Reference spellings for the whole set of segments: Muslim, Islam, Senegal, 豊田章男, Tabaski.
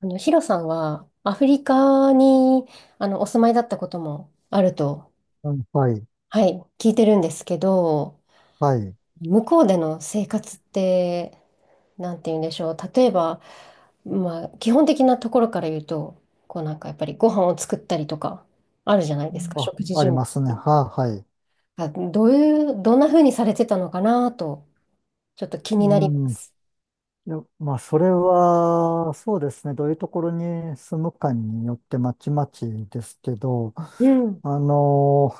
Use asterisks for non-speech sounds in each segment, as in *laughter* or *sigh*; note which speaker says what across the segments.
Speaker 1: ヒロさんはアフリカにお住まいだったこともあると、
Speaker 2: うん、はい、
Speaker 1: はい、聞いてるんですけど、
Speaker 2: はい。
Speaker 1: 向こうでの生活って、なんて言うんでしょう。例えば、まあ、基本的なところから言うと、こうやっぱりご飯を作ったりとか、あるじゃないですか、
Speaker 2: あ、
Speaker 1: 食事
Speaker 2: あり
Speaker 1: 準
Speaker 2: ますね。
Speaker 1: 備。
Speaker 2: はい。
Speaker 1: あ、どういう、どんな風にされてたのかなと、ちょっと気
Speaker 2: う
Speaker 1: になりま
Speaker 2: ん。い
Speaker 1: す。
Speaker 2: や、まあ、それは、そうですね。どういうところに住むかによってまちまちですけど、
Speaker 1: うん。
Speaker 2: あの、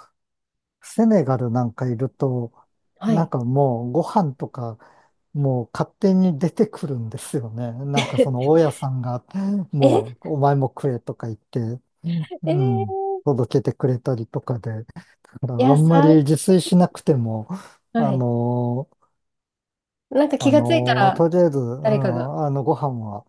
Speaker 2: セネガルなんかいると、
Speaker 1: は
Speaker 2: なん
Speaker 1: い。
Speaker 2: かもうご飯とか、もう勝手に出てくるんですよね。なんかその
Speaker 1: *laughs*
Speaker 2: 大家さんが、
Speaker 1: え、
Speaker 2: もうお前も食えとか言って、う
Speaker 1: え
Speaker 2: ん、
Speaker 1: ー、
Speaker 2: 届けてくれたりとかで。だから
Speaker 1: *laughs* い
Speaker 2: あ
Speaker 1: や
Speaker 2: んま
Speaker 1: さ、
Speaker 2: り自炊しなくても、
Speaker 1: は
Speaker 2: あ
Speaker 1: い。
Speaker 2: のー
Speaker 1: なんか気がついたら、
Speaker 2: とりあえず、う
Speaker 1: 誰かが。
Speaker 2: ん、ご飯は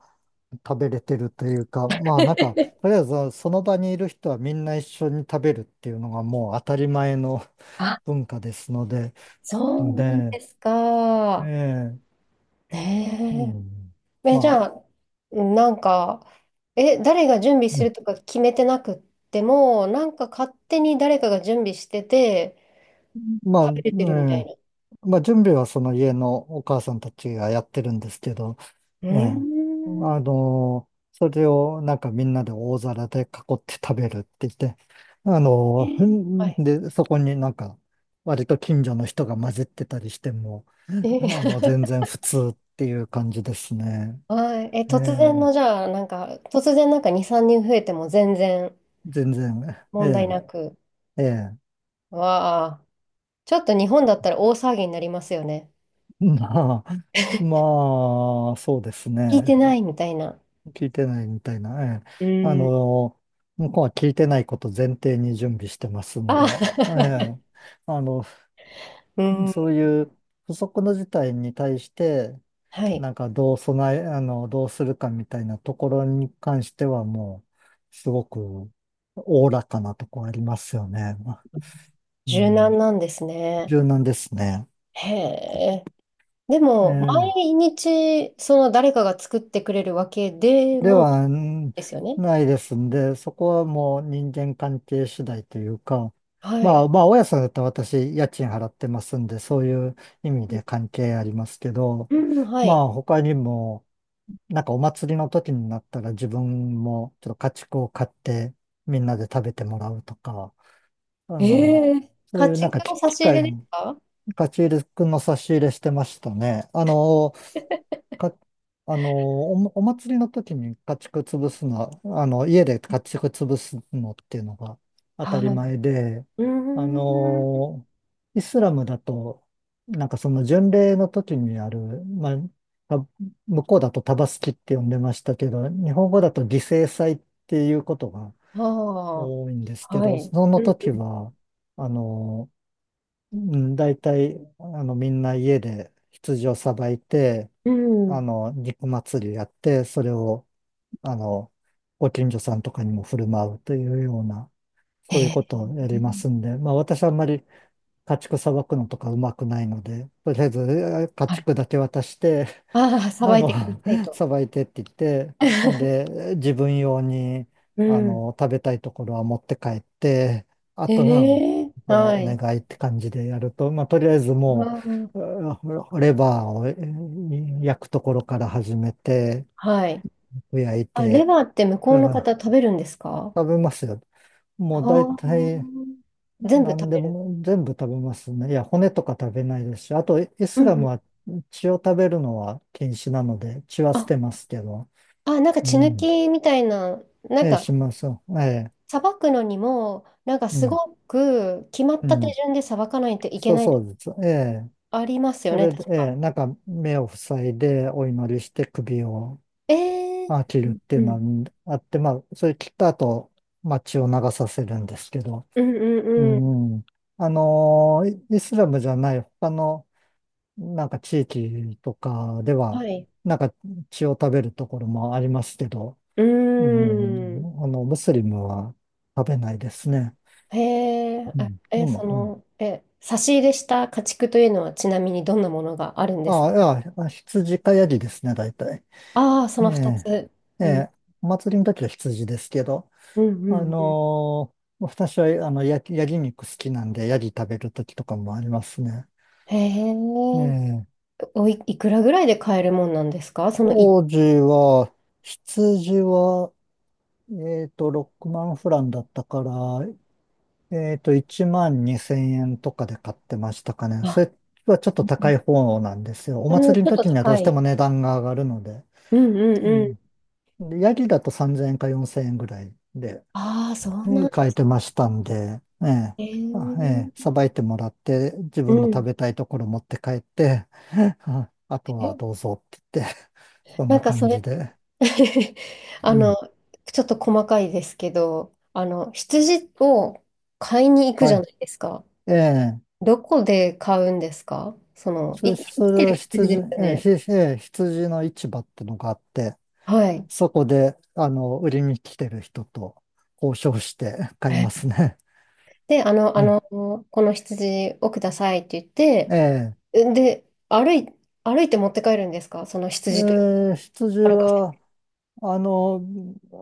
Speaker 2: 食べれてるというか、まあなんか、と
Speaker 1: *laughs*
Speaker 2: りあえずその場にいる人はみんな一緒に食べるっていうのがもう当たり前の
Speaker 1: あ、
Speaker 2: *laughs* 文化ですので、
Speaker 1: そうなん
Speaker 2: で、
Speaker 1: ですか。
Speaker 2: ええう
Speaker 1: ね
Speaker 2: ん、
Speaker 1: え。え、じゃ
Speaker 2: ま
Speaker 1: あ、なんか、え、誰が準備す
Speaker 2: あ、
Speaker 1: るとか決めてなくっても、なんか勝手に誰かが準備してて、
Speaker 2: まあ、
Speaker 1: 食
Speaker 2: う
Speaker 1: べれてるみたいな。
Speaker 2: んまあ準備はその家のお母さんたちがやってるんですけど、
Speaker 1: う
Speaker 2: ええ。
Speaker 1: ーん。
Speaker 2: それをなんかみんなで大皿で囲って食べるって言って、あの、
Speaker 1: は
Speaker 2: ん
Speaker 1: い。
Speaker 2: で、そこになんか割と近所の人が混じってたりしても、
Speaker 1: え、*laughs*
Speaker 2: 全然普通っていう感じですね。
Speaker 1: はい。え、
Speaker 2: え
Speaker 1: 突
Speaker 2: え。
Speaker 1: 然の、じゃあ、なんか、突然なんか2、3人増えても全然
Speaker 2: 全然、え
Speaker 1: 問題なく。
Speaker 2: え、ええ。
Speaker 1: わあ、ちょっと日本だったら大騒ぎになりますよね。
Speaker 2: *laughs* まあ、まあ、そうです
Speaker 1: 聞いて
Speaker 2: ね。
Speaker 1: ないみたいな。
Speaker 2: 聞いてないみたいな、え
Speaker 1: う
Speaker 2: え。あ
Speaker 1: ーん。
Speaker 2: の、向こうは聞いてないこと前提に準備してますん
Speaker 1: あ、
Speaker 2: で、ええ。
Speaker 1: *laughs*
Speaker 2: あの、
Speaker 1: うん、
Speaker 2: そういう不測の事態に対して、
Speaker 1: はい。
Speaker 2: なんかどう備え、どうするかみたいなところに関してはもう、すごくおおらかなとこありますよね。う
Speaker 1: 柔軟
Speaker 2: ん。
Speaker 1: なんですね。
Speaker 2: 柔軟ですね。
Speaker 1: へえ。で
Speaker 2: え
Speaker 1: も、
Speaker 2: え。
Speaker 1: 毎日、その誰かが作ってくれるわけで
Speaker 2: で
Speaker 1: もない
Speaker 2: は、ん
Speaker 1: ですよね。
Speaker 2: ないですんで、そこはもう人間関係次第というか、
Speaker 1: は
Speaker 2: ま
Speaker 1: い。
Speaker 2: あまあ、大家さんだったら私、家賃払ってますんで、そういう意味で関係ありますけど、
Speaker 1: うん、うんは
Speaker 2: ま
Speaker 1: い。
Speaker 2: あ他にも、なんかお祭りの時になったら自分もちょっと家畜を買ってみんなで食べてもらうとか、あ
Speaker 1: え
Speaker 2: の、
Speaker 1: え。
Speaker 2: そう
Speaker 1: 家
Speaker 2: いうなん
Speaker 1: 畜
Speaker 2: かき
Speaker 1: の差
Speaker 2: 機
Speaker 1: し入
Speaker 2: 械、
Speaker 1: れですか？
Speaker 2: 家ち入くんの差し入れしてましたね。あの、か、あの、お、お祭りの時に家畜潰すのは、家で家畜潰すのっていうのが当たり
Speaker 1: は
Speaker 2: 前で、
Speaker 1: い。うー
Speaker 2: あ
Speaker 1: ん。
Speaker 2: の、イスラムだと、なんかその巡礼の時にある、まあ、た向こうだとタバスキって呼んでましたけど、日本語だと犠牲祭っていうことが
Speaker 1: あ
Speaker 2: 多いんです
Speaker 1: あ、
Speaker 2: け
Speaker 1: は
Speaker 2: ど、
Speaker 1: い。
Speaker 2: その
Speaker 1: う
Speaker 2: 時
Speaker 1: ん。
Speaker 2: は、あの、うん大体、みんな家で羊をさばいて、
Speaker 1: うん
Speaker 2: 肉祭りやって、それを、あの、ご近所さんとかにも振る舞うというような、そういう
Speaker 1: え
Speaker 2: こと
Speaker 1: え。
Speaker 2: をやりますんで、まあ私あんまり家畜さばくのとかうまくないので、とりあえず家
Speaker 1: はい。
Speaker 2: 畜だけ渡して、
Speaker 1: ああ、さ
Speaker 2: あ
Speaker 1: ばい
Speaker 2: の、
Speaker 1: てください
Speaker 2: *laughs*
Speaker 1: と。
Speaker 2: さばいてって言って、ほん
Speaker 1: *laughs*
Speaker 2: で、自分用に、
Speaker 1: うん。
Speaker 2: 食べたいところは持って帰って、
Speaker 1: *laughs*
Speaker 2: あ
Speaker 1: え
Speaker 2: と、うん、あ
Speaker 1: え。
Speaker 2: とは
Speaker 1: は
Speaker 2: お願
Speaker 1: い。
Speaker 2: いって感じでやると、まあ、とりあえず
Speaker 1: う
Speaker 2: も
Speaker 1: ん。
Speaker 2: う、うんほレバーを焼くところから始めて、
Speaker 1: はい。
Speaker 2: 焼い
Speaker 1: あ、レ
Speaker 2: て、
Speaker 1: バーって向こう
Speaker 2: う
Speaker 1: の
Speaker 2: ん
Speaker 1: 方食べるんですか？
Speaker 2: 食べますよ。
Speaker 1: あ
Speaker 2: もう大
Speaker 1: あ
Speaker 2: 体、
Speaker 1: 全部食
Speaker 2: 何で
Speaker 1: べる。
Speaker 2: も全部食べますね。いや、骨とか食べないですし、あと、イ
Speaker 1: う
Speaker 2: ス
Speaker 1: ん
Speaker 2: ラ
Speaker 1: う
Speaker 2: ムは
Speaker 1: ん。
Speaker 2: 血を食べるのは禁止なので、血は捨
Speaker 1: あ、
Speaker 2: てますけど、
Speaker 1: あ、なんか
Speaker 2: う
Speaker 1: 血抜
Speaker 2: ん。
Speaker 1: きみたいな、
Speaker 2: ええ、します。ええ、
Speaker 1: さばくのにも、なんか
Speaker 2: う
Speaker 1: す
Speaker 2: ん、
Speaker 1: ごく決まっ
Speaker 2: う
Speaker 1: た手
Speaker 2: ん。
Speaker 1: 順でさばかないといけ
Speaker 2: そう
Speaker 1: ない、
Speaker 2: そうです。ええ、
Speaker 1: ありますよ
Speaker 2: そ
Speaker 1: ね、
Speaker 2: れで、
Speaker 1: 確
Speaker 2: え
Speaker 1: か。
Speaker 2: え、なんか目を塞いでお祈りして首を
Speaker 1: えー、
Speaker 2: 切
Speaker 1: う
Speaker 2: る
Speaker 1: ん
Speaker 2: ってい
Speaker 1: う
Speaker 2: う
Speaker 1: ん
Speaker 2: のがあって、まあ、それ切った後、まあ、血を流させるんですけど、
Speaker 1: う
Speaker 2: う
Speaker 1: んうん。
Speaker 2: ん。あのーイスラムじゃない他のなんか地域とかで
Speaker 1: は
Speaker 2: は、
Speaker 1: い。
Speaker 2: なんか血を食べるところもありますけど、
Speaker 1: う
Speaker 2: う
Speaker 1: ーん。
Speaker 2: ん、ムスリムは食べないですね。
Speaker 1: へえ、
Speaker 2: うん、でも、うん
Speaker 1: 差し入れした家畜というのはちなみにどんなものがあるんです
Speaker 2: あ
Speaker 1: か？
Speaker 2: あ、いや、羊かヤギですね、大体。
Speaker 1: ああー、そ
Speaker 2: え
Speaker 1: の2
Speaker 2: え、
Speaker 1: つ。
Speaker 2: え
Speaker 1: うん
Speaker 2: え、お祭りの時は羊ですけど、
Speaker 1: うんうん
Speaker 2: 私は、ヤギ、ヤギ肉好きなんで、ヤギ食べる時とかもありますね。
Speaker 1: へ
Speaker 2: え
Speaker 1: え、
Speaker 2: え、
Speaker 1: おい、いくらぐらいで買えるもんなんですかそのい、
Speaker 2: 当時は、羊は、6万フランだったから、1万2千円とかで買ってましたかね。そ
Speaker 1: あ、
Speaker 2: れはちょっと高い方なんですよ。お
Speaker 1: う
Speaker 2: 祭
Speaker 1: ん、
Speaker 2: りの
Speaker 1: ちょっと
Speaker 2: 時にはど
Speaker 1: 高
Speaker 2: うして
Speaker 1: い。
Speaker 2: も値段が上がるので。
Speaker 1: うんうん
Speaker 2: う
Speaker 1: うん。
Speaker 2: んでヤギだと3000円か4000円ぐらいで、
Speaker 1: ああ、そうな
Speaker 2: う
Speaker 1: ん
Speaker 2: ん
Speaker 1: で
Speaker 2: 買え
Speaker 1: す
Speaker 2: てましたんで、ええ、
Speaker 1: ね。
Speaker 2: さばいてもらって、自
Speaker 1: う
Speaker 2: 分の食
Speaker 1: ん。
Speaker 2: べたいところ持って帰って、*laughs* ああとは
Speaker 1: え、
Speaker 2: どうぞって言って、*laughs* そん
Speaker 1: なん
Speaker 2: な
Speaker 1: かそ
Speaker 2: 感
Speaker 1: れ
Speaker 2: じで。
Speaker 1: *laughs* あ
Speaker 2: う
Speaker 1: の、
Speaker 2: ん。
Speaker 1: ちょっと細かいですけど、あの、羊を買いに行くじ
Speaker 2: は
Speaker 1: ゃ
Speaker 2: い。
Speaker 1: ないですか。
Speaker 2: ええ、
Speaker 1: どこで買うんですかその、
Speaker 2: そ
Speaker 1: い、
Speaker 2: れ、
Speaker 1: 生
Speaker 2: そ
Speaker 1: き
Speaker 2: れ
Speaker 1: てる
Speaker 2: は
Speaker 1: 羊で
Speaker 2: 羊、
Speaker 1: すよ
Speaker 2: ええ、
Speaker 1: ね。
Speaker 2: え羊の市場ってのがあって、
Speaker 1: はい。
Speaker 2: そこで、売りに来てる人と交渉して買いま
Speaker 1: え
Speaker 2: すね。
Speaker 1: で、あの、
Speaker 2: *laughs*
Speaker 1: あ
Speaker 2: え
Speaker 1: の、この羊をくださいって言っ
Speaker 2: え、
Speaker 1: て、で、歩いて持って帰るんですかその
Speaker 2: え
Speaker 1: 羊というか
Speaker 2: 羊
Speaker 1: 歩かせ。
Speaker 2: は、あの、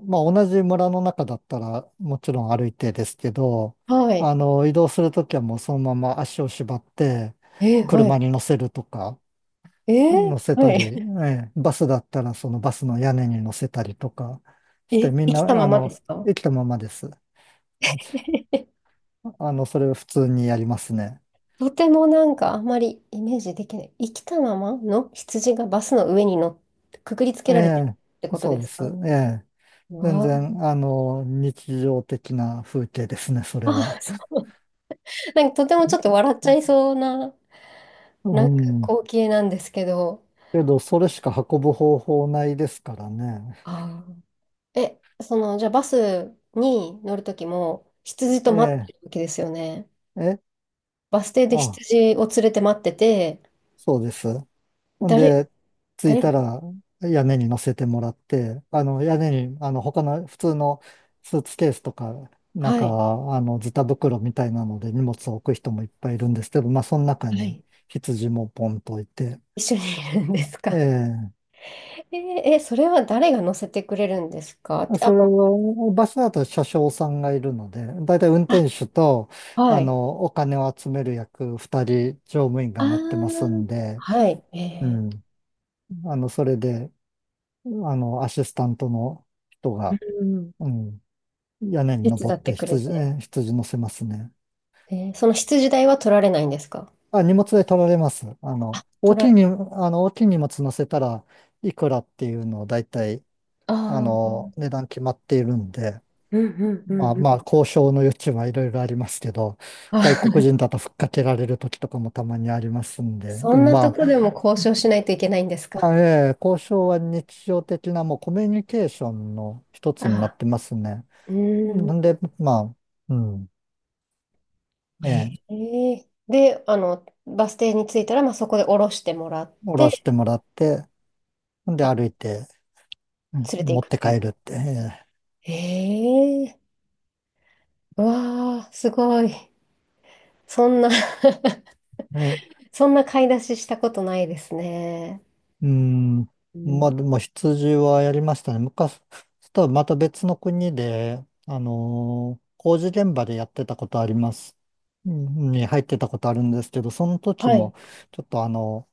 Speaker 2: まあ、同じ村の中だったらもちろん歩いてですけど、
Speaker 1: はい。
Speaker 2: 移動するときはもうそのまま足を縛って
Speaker 1: え、は
Speaker 2: 車
Speaker 1: い。
Speaker 2: に乗せるとか、
Speaker 1: え
Speaker 2: 乗
Speaker 1: ー、
Speaker 2: せた
Speaker 1: は
Speaker 2: り、
Speaker 1: い。*laughs*
Speaker 2: ええバスだったらそのバスの屋根に乗せたりとかして、
Speaker 1: え、
Speaker 2: みん
Speaker 1: 生きた
Speaker 2: な、
Speaker 1: ままですか？
Speaker 2: 生きたままです。
Speaker 1: *laughs*
Speaker 2: それを普通にやりますね。
Speaker 1: とてもなんかあんまりイメージできない。生きたままの羊がバスの上に乗っ、くくりつけ
Speaker 2: え
Speaker 1: られてる
Speaker 2: え、
Speaker 1: ってこと
Speaker 2: そう
Speaker 1: で
Speaker 2: で
Speaker 1: す
Speaker 2: す。
Speaker 1: か？
Speaker 2: ええ、
Speaker 1: う
Speaker 2: 全
Speaker 1: わ
Speaker 2: 然、日常的な風景ですね、そ
Speaker 1: あ、
Speaker 2: れ
Speaker 1: あ
Speaker 2: は。
Speaker 1: そう、なんかとてもちょっと笑っちゃいそうな、
Speaker 2: う
Speaker 1: なんか
Speaker 2: ん
Speaker 1: 光景なんですけど。
Speaker 2: けど、それしか運ぶ方法ないですからね。
Speaker 1: あーえ、その、じゃあバスに乗るときも羊と待っ
Speaker 2: え
Speaker 1: てるわけですよね。
Speaker 2: え、
Speaker 1: バス停で
Speaker 2: あ、
Speaker 1: 羊を連れて待ってて、
Speaker 2: そうです。ほん
Speaker 1: 誰、
Speaker 2: で、着い
Speaker 1: 誰、
Speaker 2: たら屋根に乗せてもらって、屋根に、他の普通のスーツケースとか、なん
Speaker 1: は
Speaker 2: か、
Speaker 1: い、
Speaker 2: ズタ袋みたいなので荷物を置く人もいっぱいいるんですけど、まあ、その中
Speaker 1: は
Speaker 2: に
Speaker 1: い。
Speaker 2: 羊もポンと置いて、
Speaker 1: 一緒にいるんですか。
Speaker 2: ええ
Speaker 1: *laughs* えーえーそれは誰が乗せてくれるんですかって、あ
Speaker 2: それ
Speaker 1: の、
Speaker 2: は、バスだと車掌さんがいるので、だいたい運
Speaker 1: あ、
Speaker 2: 転手と、
Speaker 1: はい。
Speaker 2: お金を集める役、二人乗務員
Speaker 1: あ
Speaker 2: が乗ってます
Speaker 1: ー
Speaker 2: んで、
Speaker 1: はい。
Speaker 2: う
Speaker 1: え
Speaker 2: ん。それで、アシスタントの人
Speaker 1: ー
Speaker 2: が、
Speaker 1: うん。
Speaker 2: うん、屋根に
Speaker 1: 手
Speaker 2: 登
Speaker 1: 伝
Speaker 2: っ
Speaker 1: って
Speaker 2: て
Speaker 1: くれ
Speaker 2: 羊、
Speaker 1: て。
Speaker 2: 羊乗せますね。
Speaker 1: えーその羊代は取られないんですか？
Speaker 2: あ、荷物で取られます。
Speaker 1: 取られ、
Speaker 2: 大きい荷物乗せたらいくらっていうのをだいたい、
Speaker 1: ああ、
Speaker 2: 値段決まっているんで、
Speaker 1: うんうんう
Speaker 2: まあ
Speaker 1: んう
Speaker 2: まあ、
Speaker 1: ん。
Speaker 2: 交渉の余地はいろいろありますけど、
Speaker 1: あ、
Speaker 2: 外国人だとふっかけられる時とかもたまにありますん
Speaker 1: *laughs*
Speaker 2: で、
Speaker 1: そ
Speaker 2: で
Speaker 1: ん
Speaker 2: も
Speaker 1: なと
Speaker 2: まあ、
Speaker 1: こでも交渉しないといけないんです
Speaker 2: ま
Speaker 1: か。
Speaker 2: あええ交渉は日常的なもうコミュニケーションの一
Speaker 1: あ
Speaker 2: つになっ
Speaker 1: あ、
Speaker 2: てますね。
Speaker 1: うーん。
Speaker 2: なんで、まあ、うん、え
Speaker 1: え
Speaker 2: え、
Speaker 1: えで、あの、バス停に着いたら、まあ、そこで降ろしてもらっ
Speaker 2: 下ろし
Speaker 1: て、
Speaker 2: てもらって、んで
Speaker 1: あ
Speaker 2: 歩いて、うん
Speaker 1: 連れてい
Speaker 2: 持っ
Speaker 1: く
Speaker 2: て
Speaker 1: という。
Speaker 2: 帰るって、え
Speaker 1: ええうわあ、すごい。そんな
Speaker 2: え
Speaker 1: *laughs* そんな買い出ししたことないですね。
Speaker 2: うん。
Speaker 1: うん、
Speaker 2: まあ、でも羊はやりましたね。昔、とはまた別の国で、工事現場でやってたことあります。うんに入ってたことあるんですけど、その時
Speaker 1: は
Speaker 2: も、
Speaker 1: い。
Speaker 2: ちょっと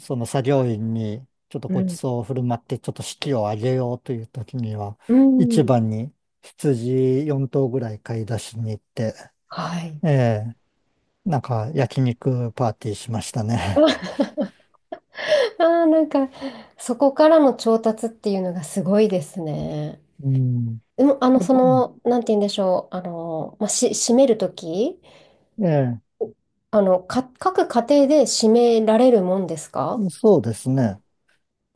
Speaker 2: その作業員に、ちょっと
Speaker 1: う
Speaker 2: ごち
Speaker 1: ん。
Speaker 2: そうを振る舞って、ちょっと士気を上げようという時には、
Speaker 1: う
Speaker 2: 市
Speaker 1: ん。
Speaker 2: 場に羊4頭ぐらい買い出しに行って、
Speaker 1: はい。
Speaker 2: ええなんか焼肉パーティーしましたね。
Speaker 1: *laughs* ああ、*laughs* なんか、そこからの調達っていうのがすごいですね。
Speaker 2: うん。
Speaker 1: でも、
Speaker 2: あとうん
Speaker 1: なんて言うんでしょう、あの、まあ、し、閉めるとき
Speaker 2: ええ
Speaker 1: か、各家庭で締められるもんですか？
Speaker 2: そうですね。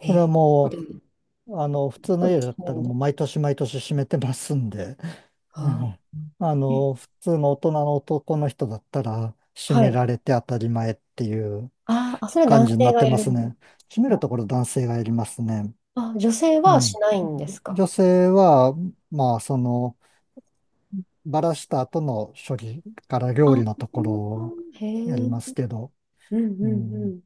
Speaker 1: え
Speaker 2: それは
Speaker 1: ー、そうで
Speaker 2: も
Speaker 1: すね
Speaker 2: う、普通
Speaker 1: そ
Speaker 2: の
Speaker 1: うで
Speaker 2: 家
Speaker 1: す
Speaker 2: だっ
Speaker 1: 締め
Speaker 2: た
Speaker 1: る
Speaker 2: ら
Speaker 1: んだ。
Speaker 2: もう毎年毎年閉めてますんで、*laughs* う
Speaker 1: あ
Speaker 2: ん
Speaker 1: ーえ
Speaker 2: 普通の大人の男の人だったら閉
Speaker 1: は
Speaker 2: め
Speaker 1: い。
Speaker 2: られて当たり前っていう
Speaker 1: あーあ、それは
Speaker 2: 感
Speaker 1: 男
Speaker 2: じにな
Speaker 1: 性
Speaker 2: っ
Speaker 1: が
Speaker 2: て
Speaker 1: や
Speaker 2: ま
Speaker 1: る
Speaker 2: す
Speaker 1: んです
Speaker 2: ね。閉める
Speaker 1: か？
Speaker 2: ところ男性がやりますね。
Speaker 1: あ、女性
Speaker 2: う
Speaker 1: はし
Speaker 2: ん。
Speaker 1: ないんですか？
Speaker 2: 女性は、まあ、その、バラした後の処理から料理の
Speaker 1: あ
Speaker 2: ところを
Speaker 1: へえ。
Speaker 2: やり
Speaker 1: うん
Speaker 2: ますけど、
Speaker 1: うん
Speaker 2: う
Speaker 1: う
Speaker 2: ん。
Speaker 1: ん。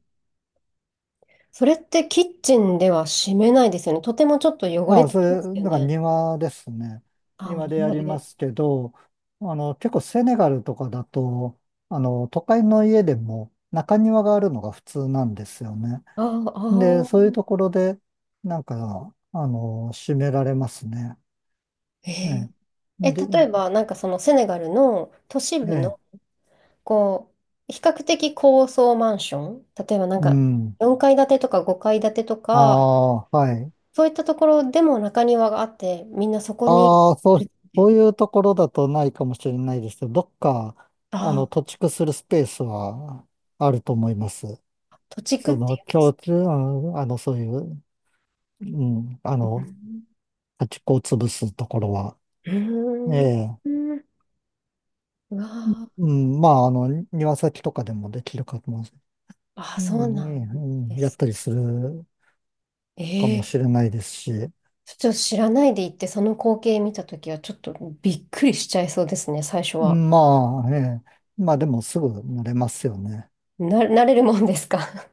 Speaker 1: それってキッチンでは締めないですよね。とてもちょっと汚
Speaker 2: あ
Speaker 1: れ
Speaker 2: あ、
Speaker 1: てきますよ
Speaker 2: だから
Speaker 1: ね。
Speaker 2: 庭ですね。
Speaker 1: あ、お
Speaker 2: 庭でや
Speaker 1: 庭
Speaker 2: りま
Speaker 1: で。
Speaker 2: すけど、結構セネガルとかだと、都会の家でも中庭があるのが普通なんですよね。
Speaker 1: ああ、あ
Speaker 2: で、そういう
Speaker 1: ー、
Speaker 2: ところで、なんか、閉められますね。
Speaker 1: へえ。
Speaker 2: ええ。
Speaker 1: え、
Speaker 2: で、
Speaker 1: 例えば、なんかそのセネガルの都市
Speaker 2: え
Speaker 1: 部
Speaker 2: え、
Speaker 1: のこう、比較的高層マンション、例えばなん
Speaker 2: う
Speaker 1: か
Speaker 2: ん。
Speaker 1: 4階建てとか5階建てと
Speaker 2: あ
Speaker 1: か、
Speaker 2: あ、はい。
Speaker 1: そういったところでも中庭があって、みんなそこに
Speaker 2: ああ、そ
Speaker 1: い
Speaker 2: う、
Speaker 1: るっ
Speaker 2: そう
Speaker 1: て。
Speaker 2: いうところだとないかもしれないですけど、どっか、
Speaker 1: ああ、
Speaker 2: 土地区するスペースはあると思います。
Speaker 1: 土地区っ
Speaker 2: そ
Speaker 1: て
Speaker 2: の
Speaker 1: い
Speaker 2: 共通、うんあの、そういう、うん、あの、
Speaker 1: う。
Speaker 2: 端っこを潰すところは、
Speaker 1: う
Speaker 2: え
Speaker 1: ーん。
Speaker 2: え、
Speaker 1: うんうわ
Speaker 2: うん、まあ、庭先とかでもできるかもし
Speaker 1: あ、ああ、
Speaker 2: れない、
Speaker 1: そ
Speaker 2: う
Speaker 1: うなんで
Speaker 2: やっ
Speaker 1: す。
Speaker 2: たりするかも
Speaker 1: ええ
Speaker 2: しれないですし、う
Speaker 1: ちょっと知らないで行って、その光景見たときは、ちょっとびっくりしちゃいそうですね、最初は。
Speaker 2: んまあ、ええ、まあでもすぐ慣れますよね。
Speaker 1: な、慣れるもんですか？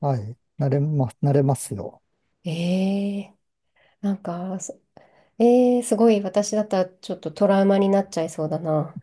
Speaker 2: はい、慣れますよ。
Speaker 1: *laughs* ええなんか、えー、すごい、私だったらちょっとトラウマになっちゃいそうだな。